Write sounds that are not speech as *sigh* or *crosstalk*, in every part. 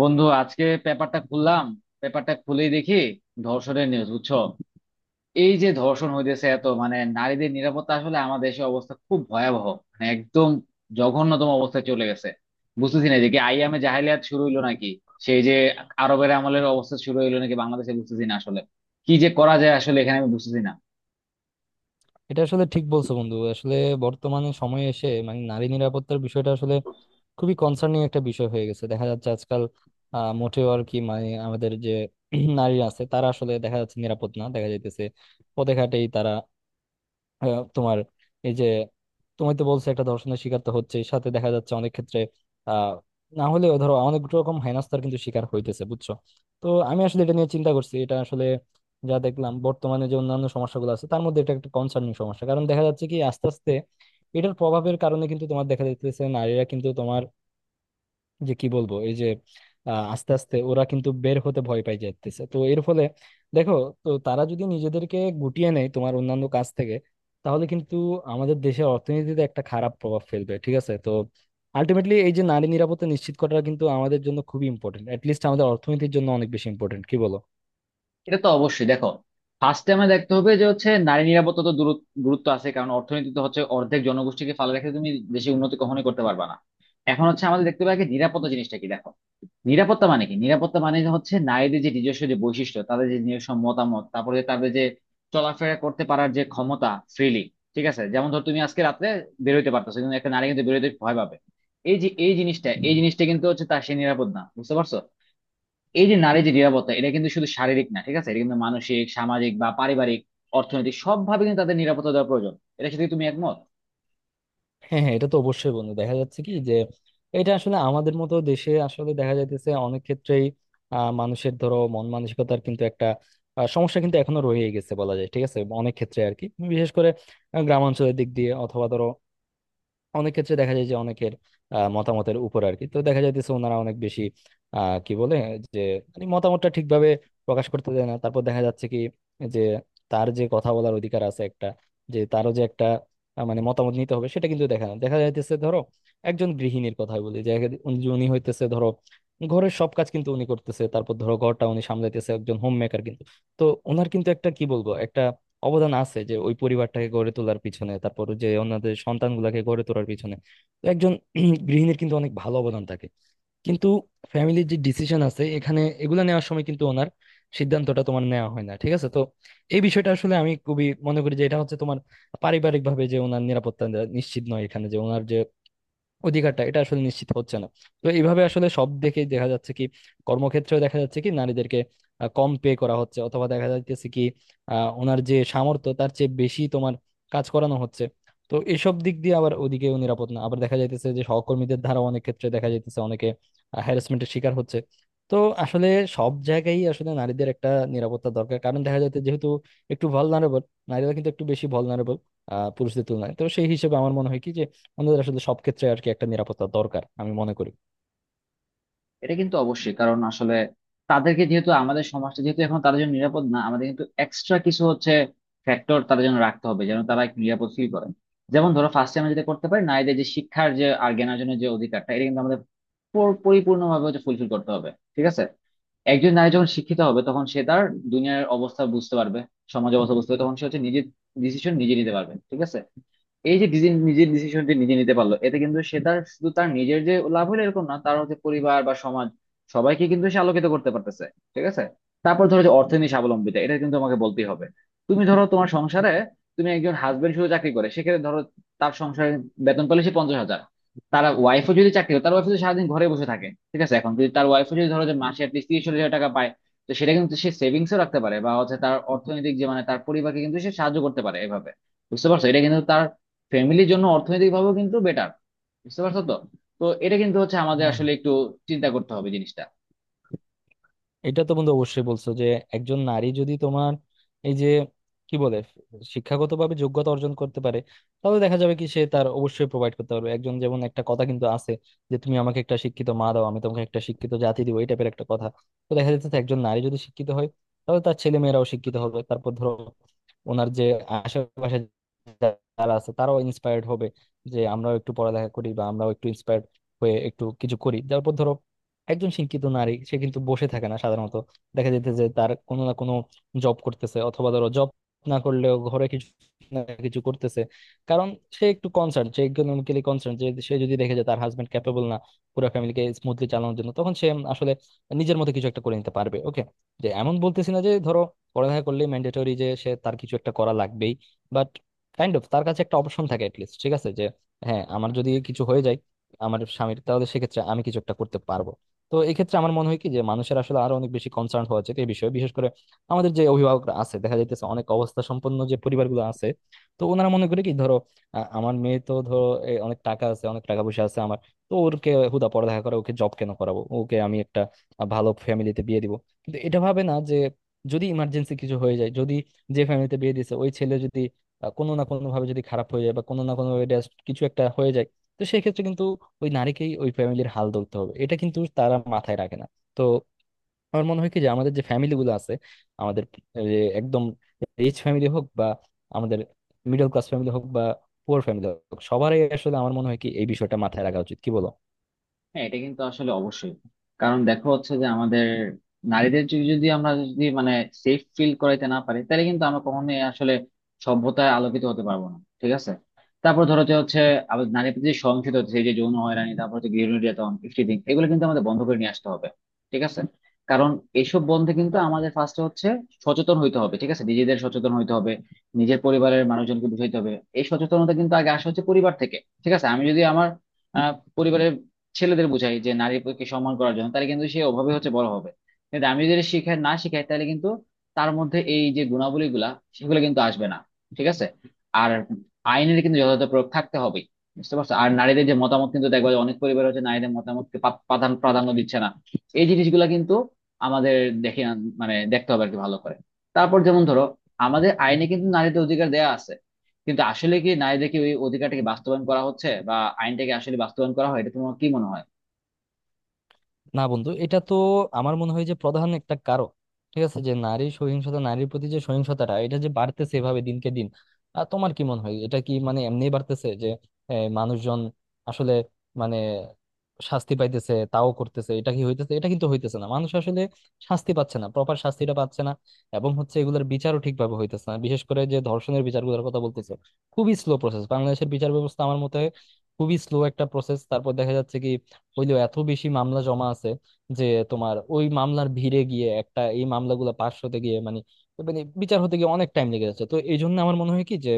বন্ধু, আজকে পেপারটা খুললাম। পেপারটা খুলেই দেখি ধর্ষণের নিউজ, বুঝছো? এই যে ধর্ষণ হইতেছে, এত মানে নারীদের নিরাপত্তা আসলে আমাদের দেশে অবস্থা খুব ভয়াবহ। মানে একদম জঘন্যতম অবস্থায় চলে গেছে। বুঝতেছি না যে কি আইয়ামে জাহেলিয়াত শুরু হইলো নাকি, সেই যে আরবের আমলের অবস্থা শুরু হইলো নাকি বাংলাদেশে, বুঝতেছি না আসলে। কি যে করা যায় আসলে এখানে, আমি বুঝতেছি না। এটা আসলে ঠিক বলছো বন্ধু, আসলে বর্তমানে সময়ে এসে মানে নারী নিরাপত্তার বিষয়টা আসলে খুবই কনসার্নিং একটা বিষয় হয়ে গেছে দেখা যাচ্ছে আজকাল। মোটেও আর কি, মানে আমাদের যে *clears throat* নারী আছে তারা আসলে দেখা যাচ্ছে নিরাপদ না, দেখা যাইতেছে পথে ঘাটেই তারা তোমার এই যে তুমি তো বলছো একটা ধর্ষণের শিকার তো হচ্ছে, সাথে দেখা যাচ্ছে অনেক ক্ষেত্রে আহ না হলেও ধরো অনেক রকম হেনস্থার কিন্তু শিকার হইতেছে, বুঝছো। তো আমি আসলে এটা নিয়ে চিন্তা করছি, এটা আসলে যা দেখলাম বর্তমানে যে অন্যান্য সমস্যাগুলো আছে তার মধ্যে এটা একটা কনসার্নিং সমস্যা, কারণ দেখা যাচ্ছে কি আস্তে আস্তে এটার প্রভাবের কারণে কিন্তু তোমার দেখা যাচ্ছে নারীরা কিন্তু তোমার যে কি বলবো, এই যে আস্তে আস্তে ওরা কিন্তু বের হতে ভয় পাই যাচ্ছে, তো এর ফলে দেখো, তো তারা যদি নিজেদেরকে গুটিয়ে নেয় তোমার অন্যান্য কাজ থেকে, তাহলে কিন্তু আমাদের দেশের অর্থনীতিতে একটা খারাপ প্রভাব ফেলবে, ঠিক আছে। তো আলটিমেটলি এই যে নারী নিরাপত্তা নিশ্চিত করাটা কিন্তু আমাদের জন্য খুবই ইম্পর্টেন্ট, লিস্ট আমাদের অর্থনীতির জন্য অনেক বেশি ইম্পর্টেন্ট, কি বলো। এটা তো অবশ্যই, দেখো, ফার্স্টে আমরা দেখতে হবে যে হচ্ছে নারী নিরাপত্তা তো গুরুত্ব আছে, কারণ অর্থনীতিতে হচ্ছে অর্ধেক জনগোষ্ঠীকে ফালে রেখে তুমি দেশে উন্নতি কখনোই করতে পারবে না। এখন হচ্ছে আমাদের দেখতে হবে আগে নিরাপত্তা জিনিসটা কি। দেখো, নিরাপত্তা মানে কি? নিরাপত্তা মানে যে হচ্ছে নারীদের যে নিজস্ব যে বৈশিষ্ট্য, তাদের যে নিজস্ব মতামত, তারপরে যে তাদের যে চলাফেরা করতে পারার যে ক্ষমতা ফ্রিলি। ঠিক আছে, যেমন ধর তুমি আজকে রাত্রে বেরোইতে পারতেছো, কিন্তু একটা নারী কিন্তু বেরোতে ভয় পাবে। এই যে এই জিনিসটা, এই জিনিসটা কিন্তু হচ্ছে তার সে নিরাপদ না, বুঝতে পারছো? এই যে নারী যে নিরাপত্তা, এটা কিন্তু শুধু শারীরিক না, ঠিক আছে, এটা কিন্তু মানসিক, সামাজিক বা পারিবারিক, অর্থনৈতিক সবভাবে কিন্তু তাদের নিরাপত্তা দেওয়া প্রয়োজন। এটা সাথে কি তুমি একমত? হ্যাঁ, হ্যাঁ, এটা তো অবশ্যই বন্ধু, দেখা যাচ্ছে কি যে এটা আসলে আমাদের মতো দেশে আসলে দেখা যাইতেছে অনেক ক্ষেত্রেই মানুষের ধরো মন মানসিকতার কিন্তু একটা সমস্যা কিন্তু এখনো রয়ে গেছে বলা যায়, ঠিক আছে অনেক ক্ষেত্রে আর কি। বিশেষ করে গ্রামাঞ্চলের দিক দিয়ে, অথবা ধরো অনেক ক্ষেত্রে দেখা যায় যে অনেকের মতামতের উপর আর কি, তো দেখা যাইতেছে ওনারা অনেক বেশি কি বলে, যে মানে মতামতটা ঠিকভাবে প্রকাশ করতে দেয় না। তারপর দেখা যাচ্ছে কি যে তার যে কথা বলার অধিকার আছে একটা, যে তারও যে একটা মানে মতামত নিতে হবে, সেটা কিন্তু দেখা না দেখা যাইতেছে। ধরো একজন গৃহিণীর কথা বলি, যে এক- উনি উনি হইতেছে ধরো ঘরের সব কাজ কিন্তু উনি করতেছে, তারপর ধরো ঘরটা উনি সামলাইতেছে, একজন হোম মেকার কিন্তু। তো ওনার কিন্তু একটা কি বলবো, একটা অবদান আছে যে ওই পরিবারটাকে গড়ে তোলার পিছনে, তারপর যে ওনাদের সন্তানগুলাকে গড়ে তোলার পিছনে। তো একজন *clears throat* গৃহিণীর কিন্তু অনেক ভালো অবদান থাকে। কিন্তু ফ্যামিলির যে ডিসিশন আছে এখানে এগুলা নেওয়ার সময় কিন্তু ওনার সিদ্ধান্তটা তোমার নেওয়া হয় না, ঠিক আছে। তো এই বিষয়টা আসলে আমি খুবই মনে করি যে এটা হচ্ছে তোমার পারিবারিক ভাবে যে ওনার নিরাপত্তা নিশ্চিত নয়, এখানে যে ওনার যে অধিকারটা, এটা আসলে নিশ্চিত হচ্ছে না। তো এইভাবে আসলে সব দেখেই দেখা যাচ্ছে কি কর্মক্ষেত্রেও দেখা যাচ্ছে কি নারীদেরকে কম পে করা হচ্ছে, অথবা দেখা যাচ্ছে কি ওনার যে সামর্থ্য তার চেয়ে বেশি তোমার কাজ করানো হচ্ছে। তো এসব দিক দিয়ে আবার ওদিকেও নিরাপদ না, আবার দেখা যাইতেছে যে সহকর্মীদের দ্বারা অনেক ক্ষেত্রে দেখা যাইতেছে অনেকে হ্যারাসমেন্টের শিকার হচ্ছে। তো আসলে সব জায়গায় আসলে নারীদের একটা নিরাপত্তা দরকার, কারণ দেখা যাচ্ছে যেহেতু একটু ভালনারেবল, নারীরা কিন্তু একটু বেশি ভালনারেবল পুরুষদের তুলনায়, তো সেই হিসেবে আমার মনে হয় কি যে আমাদের আসলে সব ক্ষেত্রে আর কি একটা নিরাপত্তা দরকার, আমি মনে করি। এটা কিন্তু অবশ্যই, কারণ আসলে তাদেরকে যেহেতু আমাদের সমাজটা যেহেতু এখন তাদের জন্য নিরাপদ না, আমাদের কিন্তু এক্সট্রা কিছু হচ্ছে ফ্যাক্টর তাদের জন্য রাখতে হবে যেন তারা একটু নিরাপদ ফিল করেন। যেমন ধরো, ফার্স্টে আমরা যেটা করতে পারি, নারীদের যে শিক্ষার যে আর জ্ঞানের জন্য যে অধিকারটা, এটা কিন্তু আমাদের পরিপূর্ণভাবে হচ্ছে ফুলফিল করতে হবে। ঠিক আছে? একজন নারী যখন শিক্ষিত হবে, তখন সে তার দুনিয়ার অবস্থা বুঝতে পারবে, সমাজ অবস্থা বুঝতে পারবে, তখন সে হচ্ছে নিজের ডিসিশন নিজে নিতে পারবে। ঠিক আছে? এই যে নিজের ডিসিশনটি নিজে নিতে পারলো, এতে কিন্তু সে তার শুধু তার নিজের যে লাভ হলো এরকম না, তার হচ্ছে পরিবার বা সমাজ সবাইকে কিন্তু সে আলোকিত করতে পারতেছে। ঠিক আছে? তারপর ধরো যে অর্থনীতি স্বাবলম্বিতা, এটা কিন্তু তোমাকে বলতেই হবে। তুমি ধরো তোমার সংসারে তুমি একজন হাজবেন্ড শুধু চাকরি করে, সেক্ষেত্রে ধরো তার সংসারে বেতন পেলে সে 50,000। তার ওয়াইফও যদি চাকরি করে, তার ওয়াইফ যদি সারাদিন ঘরে বসে থাকে, ঠিক আছে, এখন যদি তার ওয়াইফও যদি ধরো যে মাসে অ্যাটলিস্ট 30-40 হাজার টাকা পায়, তো সেটা কিন্তু সে সেভিংসও রাখতে পারে, বা হচ্ছে তার অর্থনৈতিক যে মানে তার পরিবারকে কিন্তু সে সাহায্য করতে পারে এভাবে। বুঝতে পারছো? এটা কিন্তু তার ফ্যামিলির জন্য অর্থনৈতিকভাবেও কিন্তু বেটার। বুঝতে পারছো তো? তো এটা কিন্তু হচ্ছে আমাদের হ্যাঁ, আসলে একটু চিন্তা করতে হবে জিনিসটা। এটা তো বন্ধু অবশ্যই বলছো যে একজন নারী যদি তোমার এই যে কি বলে, শিক্ষাগতভাবে যোগ্যতা অর্জন করতে পারে, তাহলে দেখা যাবে কি সে তার অবশ্যই প্রোভাইড করতে পারবে। একজন যেমন, একটা কথা কিন্তু আছে যে তুমি আমাকে একটা শিক্ষিত মা দাও, আমি তোমাকে একটা শিক্ষিত জাতি দিব, এই টাইপের একটা কথা। তো দেখা যাচ্ছে একজন নারী যদি শিক্ষিত হয় তাহলে তার ছেলে মেয়েরাও শিক্ষিত হবে। তারপর ধরো ওনার যে আশেপাশে যারা আছে তারাও ইন্সপায়ার্ড হবে, যে আমরাও একটু পড়ালেখা করি বা আমরাও একটু ইন্সপায়ার্ড হয়ে একটু কিছু করি। তারপর ধরো একজন শিক্ষিত নারী সে কিন্তু বসে থাকে না সাধারণত, দেখা যেতে যে তার কোনো না কোনো জব করতেছে, অথবা ধরো জব না করলেও ঘরে কিছু না কিছু করতেছে। কারণ সে একটু কনসার্ন, সে ইকোনমিক্যালি কনসার্ন, যে সে যদি দেখে যে তার হাজবেন্ড ক্যাপেবল না পুরো ফ্যামিলিকে স্মুথলি চালানোর জন্য, তখন সে আসলে নিজের মতো কিছু একটা করে নিতে পারবে। ওকে, যে এমন বলতেছি না যে ধরো পড়ালেখা করলে ম্যান্ডেটরি যে সে তার কিছু একটা করা লাগবেই, বাট কাইন্ড অফ তার কাছে একটা অপশন থাকে, লিস্ট ঠিক আছে, যে হ্যাঁ আমার যদি কিছু হয়ে যায় আমার স্বামীর, তাহলে সেক্ষেত্রে আমি কিছু একটা করতে পারবো। তো এক্ষেত্রে আমার মনে হয় কি যে মানুষের আসলে আরো অনেক বেশি কনসার্ন হওয়া উচিত এই বিষয়ে। বিশেষ করে আমাদের যে অভিভাবকরা আছে দেখা যাইতেছে অনেক অবস্থা সম্পন্ন যে পরিবারগুলো আছে, তো ওনারা মনে করে কি ধরো আমার মেয়ে তো ধরো অনেক টাকা আছে, অনেক টাকা পয়সা আছে আমার, তো ওরকে হুদা পড়ালেখা করে ওকে জব কেন করাবো, ওকে আমি একটা ভালো ফ্যামিলিতে বিয়ে দিব। কিন্তু এটা ভাবে না যে যদি ইমার্জেন্সি কিছু হয়ে যায়, যদি যে ফ্যামিলিতে বিয়ে দিছে ওই ছেলে যদি কোনো না কোনো ভাবে যদি খারাপ হয়ে যায় বা কোনো না কোনো ভাবে কিছু একটা হয়ে যায়, তো সেই ক্ষেত্রে কিন্তু ওই নারীকেই ওই ফ্যামিলির হাল ধরতে হবে, এটা কিন্তু তারা মাথায় রাখে না। তো আমার মনে হয় কি যে আমাদের যে ফ্যামিলি গুলো আছে, আমাদের যে একদম রিচ ফ্যামিলি হোক, বা আমাদের মিডল ক্লাস ফ্যামিলি হোক, বা পুয়ার ফ্যামিলি হোক, সবারই আসলে আমার মনে হয় কি এই বিষয়টা মাথায় রাখা উচিত, কি বলো। হ্যাঁ, এটা কিন্তু আসলে অবশ্যই। কারণ দেখো, হচ্ছে যে আমাদের নারীদের যদি, আমরা যদি মানে সেফ ফিল করাইতে না পারি, তাহলে কিন্তু আমরা কখনোই আসলে সভ্যতায় আলোকিত হতে পারবো না। ঠিক আছে? তারপর ধরো যে হচ্ছে আবার নারী প্রতি যে সহিংসতা হচ্ছে এই যে যৌন হয়রানি, তারপর হচ্ছে গৃহ নির্যাতন ইত্যাদি, এগুলো কিন্তু আমাদের বন্ধ করে নিয়ে আসতে হবে। ঠিক আছে? কারণ এইসব বন্ধে কিন্তু আমাদের ফার্স্টে হচ্ছে সচেতন হইতে হবে, ঠিক আছে, নিজেদের সচেতন হইতে হবে, নিজের পরিবারের মানুষজনকে বুঝাইতে হবে। এই সচেতনতা কিন্তু আগে আসা হচ্ছে পরিবার থেকে। ঠিক আছে? আমি যদি আমার আহ, পরিবারের ছেলেদের বোঝাই যে নারী প্রতি সম্মান করার জন্য, তাহলে কিন্তু সে ওভাবে হচ্ছে বড় হবে। কিন্তু আমি যদি শিখাই না শিখাই, তাহলে কিন্তু তার মধ্যে এই যে গুণাবলী গুলা সেগুলো কিন্তু আসবে না। ঠিক আছে? আর আইনের কিন্তু যথাযথ প্রয়োগ থাকতে হবে। বুঝতে পারছো? আর নারীদের যে মতামত, কিন্তু দেখবা যে অনেক পরিবার হচ্ছে নারীদের মতামতকে পা- প্রাধান্য প্রাধান্য দিচ্ছে না। এই জিনিসগুলা কিন্তু আমাদের মানে দেখতে হবে আর কি ভালো করে। তারপর যেমন ধরো, আমাদের আইনে কিন্তু নারীদের অধিকার দেয়া আছে, কিন্তু আসলে কি নারীদের কি ওই অধিকারটাকে বাস্তবায়ন করা হচ্ছে, বা আইনটাকে আসলে বাস্তবায়ন করা হয়, এটা তোমার কি মনে হয়? না বন্ধু, এটা তো আমার মনে হয় যে প্রধান একটা কারণ, ঠিক আছে, যে নারী সহিংসতা, নারীর প্রতি যে সহিংসতাটা এটা যে বাড়তেছে এভাবে দিনকে দিন, আর তোমার কি মনে হয় এটা কি মানে এমনি বাড়তেছে যে মানুষজন আসলে মানে শাস্তি পাইতেছে তাও করতেছে, এটা কি হইতেছে? এটা কিন্তু হইতেছে না, মানুষ আসলে শাস্তি পাচ্ছে না, প্রপার শাস্তিটা পাচ্ছে না। এবং হচ্ছে এগুলোর বিচারও ঠিকভাবে হইতেছে না, বিশেষ করে যে ধর্ষণের বিচারগুলোর কথা বলতেছে, খুবই স্লো প্রসেস বাংলাদেশের বিচার ব্যবস্থা, আমার মতে হয় খুবই স্লো একটা প্রসেস। তারপর দেখা যাচ্ছে কি হইলেও এত বেশি মামলা জমা আছে যে তোমার ওই মামলার ভিড়ে গিয়ে একটা এই মামলাগুলো পাশ হতে গিয়ে মানে, মানে বিচার হতে গিয়ে অনেক টাইম লেগে যাচ্ছে। তো এই জন্য আমার মনে হয় কি যে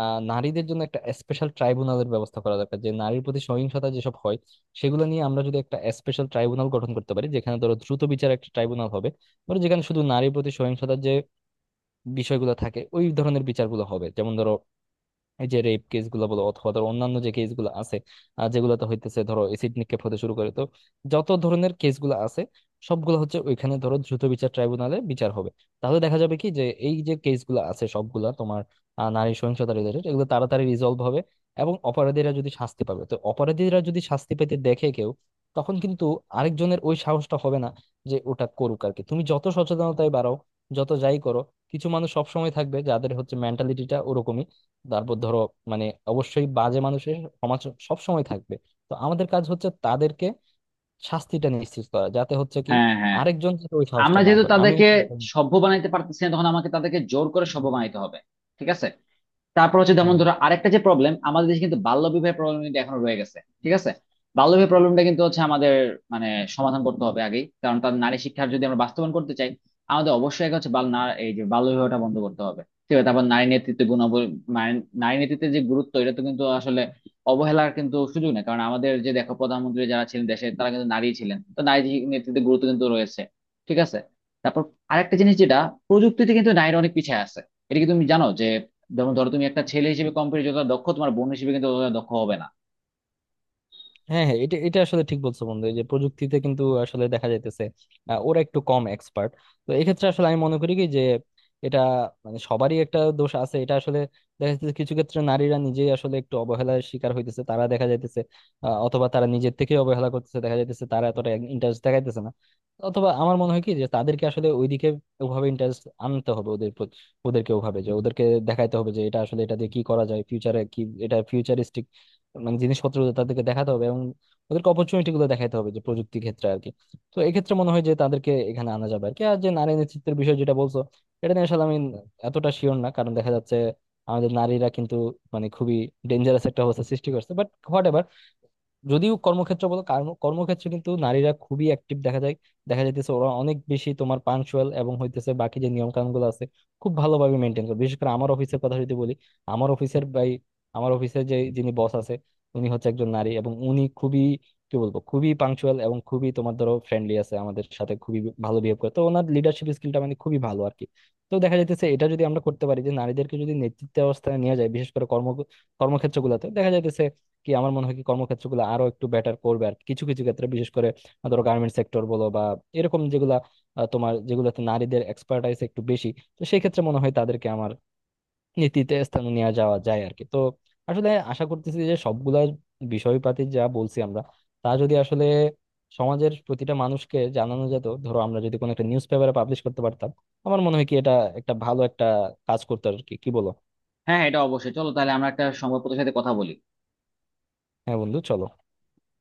নারীদের জন্য একটা স্পেশাল ট্রাইব্যুনালের ব্যবস্থা করা দরকার, যে নারীর প্রতি সহিংসতা যেসব হয় সেগুলো নিয়ে আমরা যদি একটা স্পেশাল ট্রাইব্যুনাল গঠন করতে পারি, যেখানে ধরো দ্রুত বিচার একটা ট্রাইব্যুনাল হবে, ধরো যেখানে শুধু নারীর প্রতি সহিংসতার যে বিষয়গুলো থাকে ওই ধরনের বিচারগুলো হবে। যেমন ধরো এই যে রেপ কেস গুলো বলো, অথবা ধরো অন্যান্য যে কেস গুলো আছে যেগুলোতে হইতেছে ধরো এসিড নিক্ষেপ হতে শুরু করে, তো যত ধরনের কেস গুলো আছে সবগুলো হচ্ছে ওইখানে ধরো দ্রুত বিচার ট্রাইব্যুনালে বিচার হবে। তাহলে দেখা যাবে কি যে এই যে কেস গুলো আছে সবগুলা তোমার নারী সহিংসতা রিলেটেড, এগুলো তাড়াতাড়ি রিজলভ হবে। এবং অপরাধীরা যদি শাস্তি পাবে, তো অপরাধীরা যদি শাস্তি পেতে দেখে কেউ, তখন কিন্তু আরেকজনের ওই সাহসটা হবে না যে ওটা করুক আর কি। তুমি যত সচেতনতায় বাড়াও, যত যাই করো, কিছু মানুষ সবসময় থাকবে যাদের হচ্ছে মেন্টালিটিটা ওরকমই। তারপর ধরো মানে অবশ্যই বাজে মানুষের সমাজ সব সময় থাকবে। তো আমাদের কাজ হচ্ছে তাদেরকে শাস্তিটা নিশ্চিত করা, যাতে হচ্ছে কি হ্যাঁ, হ্যাঁ, হ্যাঁ। আরেকজন যাতে ওই আমরা সাহসটা না যেহেতু করে। আমি তাদেরকে সভ্য বানাইতে পারতেছি না, তখন আমাকে তাদেরকে জোর করে সভ্য বানাইতে হবে। ঠিক আছে? তারপর হচ্ছে যেমন হম। ধরো আরেকটা যে প্রবলেম আমাদের দেশে, কিন্তু বাল্য বিবাহের প্রবলেম কিন্তু এখনো রয়ে গেছে। ঠিক আছে? বাল্য বিবাহ প্রবলেমটা কিন্তু হচ্ছে আমাদের মানে সমাধান করতে হবে আগেই, কারণ তার নারী শিক্ষার যদি আমরা বাস্তবায়ন করতে চাই, আমাদের অবশ্যই আগে হচ্ছে বাল না এই যে বাল্য বিবাহটা বন্ধ করতে হবে। ঠিক আছে? তারপর নারী নেতৃত্বে গুণাবলী, মানে নারী নেতৃত্বের যে গুরুত্ব, এটা তো কিন্তু আসলে অবহেলার কিন্তু সুযোগ নেই, কারণ আমাদের যে দেখো প্রধানমন্ত্রী যারা ছিলেন দেশে তারা কিন্তু নারী ছিলেন, তো নারী নেতৃত্বের গুরুত্ব কিন্তু রয়েছে। ঠিক আছে? তারপর আরেকটা জিনিস, যেটা প্রযুক্তিতে কিন্তু নারীরা অনেক পিছিয়ে আছে। এটা কি তুমি জানো যে, যেমন ধরো তুমি একটা ছেলে হিসেবে কম্পিউটার যতটা দক্ষ, তোমার বোন হিসেবে কিন্তু ততটা দক্ষ হবে না। হ্যাঁ, হ্যাঁ, এটা এটা আসলে ঠিক বলছো বন্ধু, এই যে প্রযুক্তিতে কিন্তু আসলে দেখা যাইতেছে ওরা একটু কম এক্সপার্ট। তো এক্ষেত্রে আসলে আমি মনে করি কি যে এটা মানে সবারই একটা দোষ আছে, এটা আসলে দেখা যাচ্ছে কিছু ক্ষেত্রে নারীরা নিজেই আসলে একটু অবহেলার শিকার হইতেছে, তারা দেখা যাইতেছে অথবা তারা নিজের থেকে অবহেলা করতেছে, দেখা যাইতেছে তারা এতটা ইন্টারেস্ট দেখাইতেছে না। অথবা আমার মনে হয় কি যে তাদেরকে আসলে ওইদিকে ওভাবে ইন্টারেস্ট আনতে হবে, ওদের ওদেরকে ওভাবে যে ওদেরকে দেখাইতে হবে যে এটা আসলে এটা দিয়ে কি করা যায়, ফিউচারে কি, এটা ফিউচারিস্টিক মানে জিনিসপত্র তাদেরকে দেখাতে হবে, এবং ওদেরকে অপরচুনিটি গুলো দেখাতে হবে যে প্রযুক্তি ক্ষেত্রে আর কি। তো এক্ষেত্রে মনে হয় যে তাদেরকে এখানে আনা যাবে আর কি। আর যে নারী নেতৃত্বের বিষয় যেটা বলছো, এটা নিয়ে আসলে আমি এতটা শিওর না, কারণ দেখা যাচ্ছে আমাদের নারীরা কিন্তু মানে খুবই ডেঞ্জারাস একটা অবস্থা সৃষ্টি করছে, বাট হোয়াট, যদিও কর্মক্ষেত্র বলো, কর্মক্ষেত্রে কিন্তু নারীরা খুবই অ্যাক্টিভ দেখা যায়, দেখা যাইতেছে ওরা অনেক বেশি তোমার পাঞ্চুয়াল, এবং হইতেছে বাকি যে নিয়ম কানুন গুলো আছে খুব ভালোভাবে মেনটেন করে। বিশেষ করে আমার অফিসের কথা যদি বলি, আমার অফিসের ভাই, আমার অফিসের যে যিনি বস আছে, উনি হচ্ছে একজন নারী এবং উনি খুবই কি বলবো, খুবই পাঞ্চুয়াল, এবং খুবই তোমার ধরো ফ্রেন্ডলি আছে আমাদের সাথে, খুবই ভালো বিহেভ করে। তো ওনার লিডারশিপ স্কিলটা মানে খুবই ভালো আর কি। তো দেখা যাইতেছে এটা যদি আমরা করতে পারি যে নারীদেরকে যদি নেতৃত্ব অবস্থায় নিয়ে যায়, বিশেষ করে কর্মক্ষেত্র গুলাতে, দেখা যাইতেছে কি আমার মনে হয় কি কর্মক্ষেত্রগুলো আরো একটু বেটার করবে আর কি। কিছু কিছু ক্ষেত্রে বিশেষ করে ধরো গার্মেন্টস সেক্টর বলো, বা এরকম যেগুলা তোমার যেগুলোতে নারীদের এক্সপার্টাইজ একটু বেশি, তো সেই ক্ষেত্রে মনে হয় তাদেরকে আমার নীতিতে স্থানে নিয়ে যাওয়া যায় আর কি। তো আসলে আশা করতেছি যে সবগুলা বিষয়পাতি যা বলছি আমরা, তা যদি আসলে সমাজের প্রতিটা মানুষকে জানানো যেত, ধরো আমরা যদি কোনো একটা নিউজ পেপারে পাবলিশ করতে পারতাম, আমার মনে হয় কি এটা একটা ভালো একটা কাজ করতো আর কি, কি বলো। হ্যাঁ, এটা অবশ্যই, চলো তাহলে আমরা একটা সংবাদপত্রের সাথে কথা বলি। হ্যাঁ বন্ধু, চলো।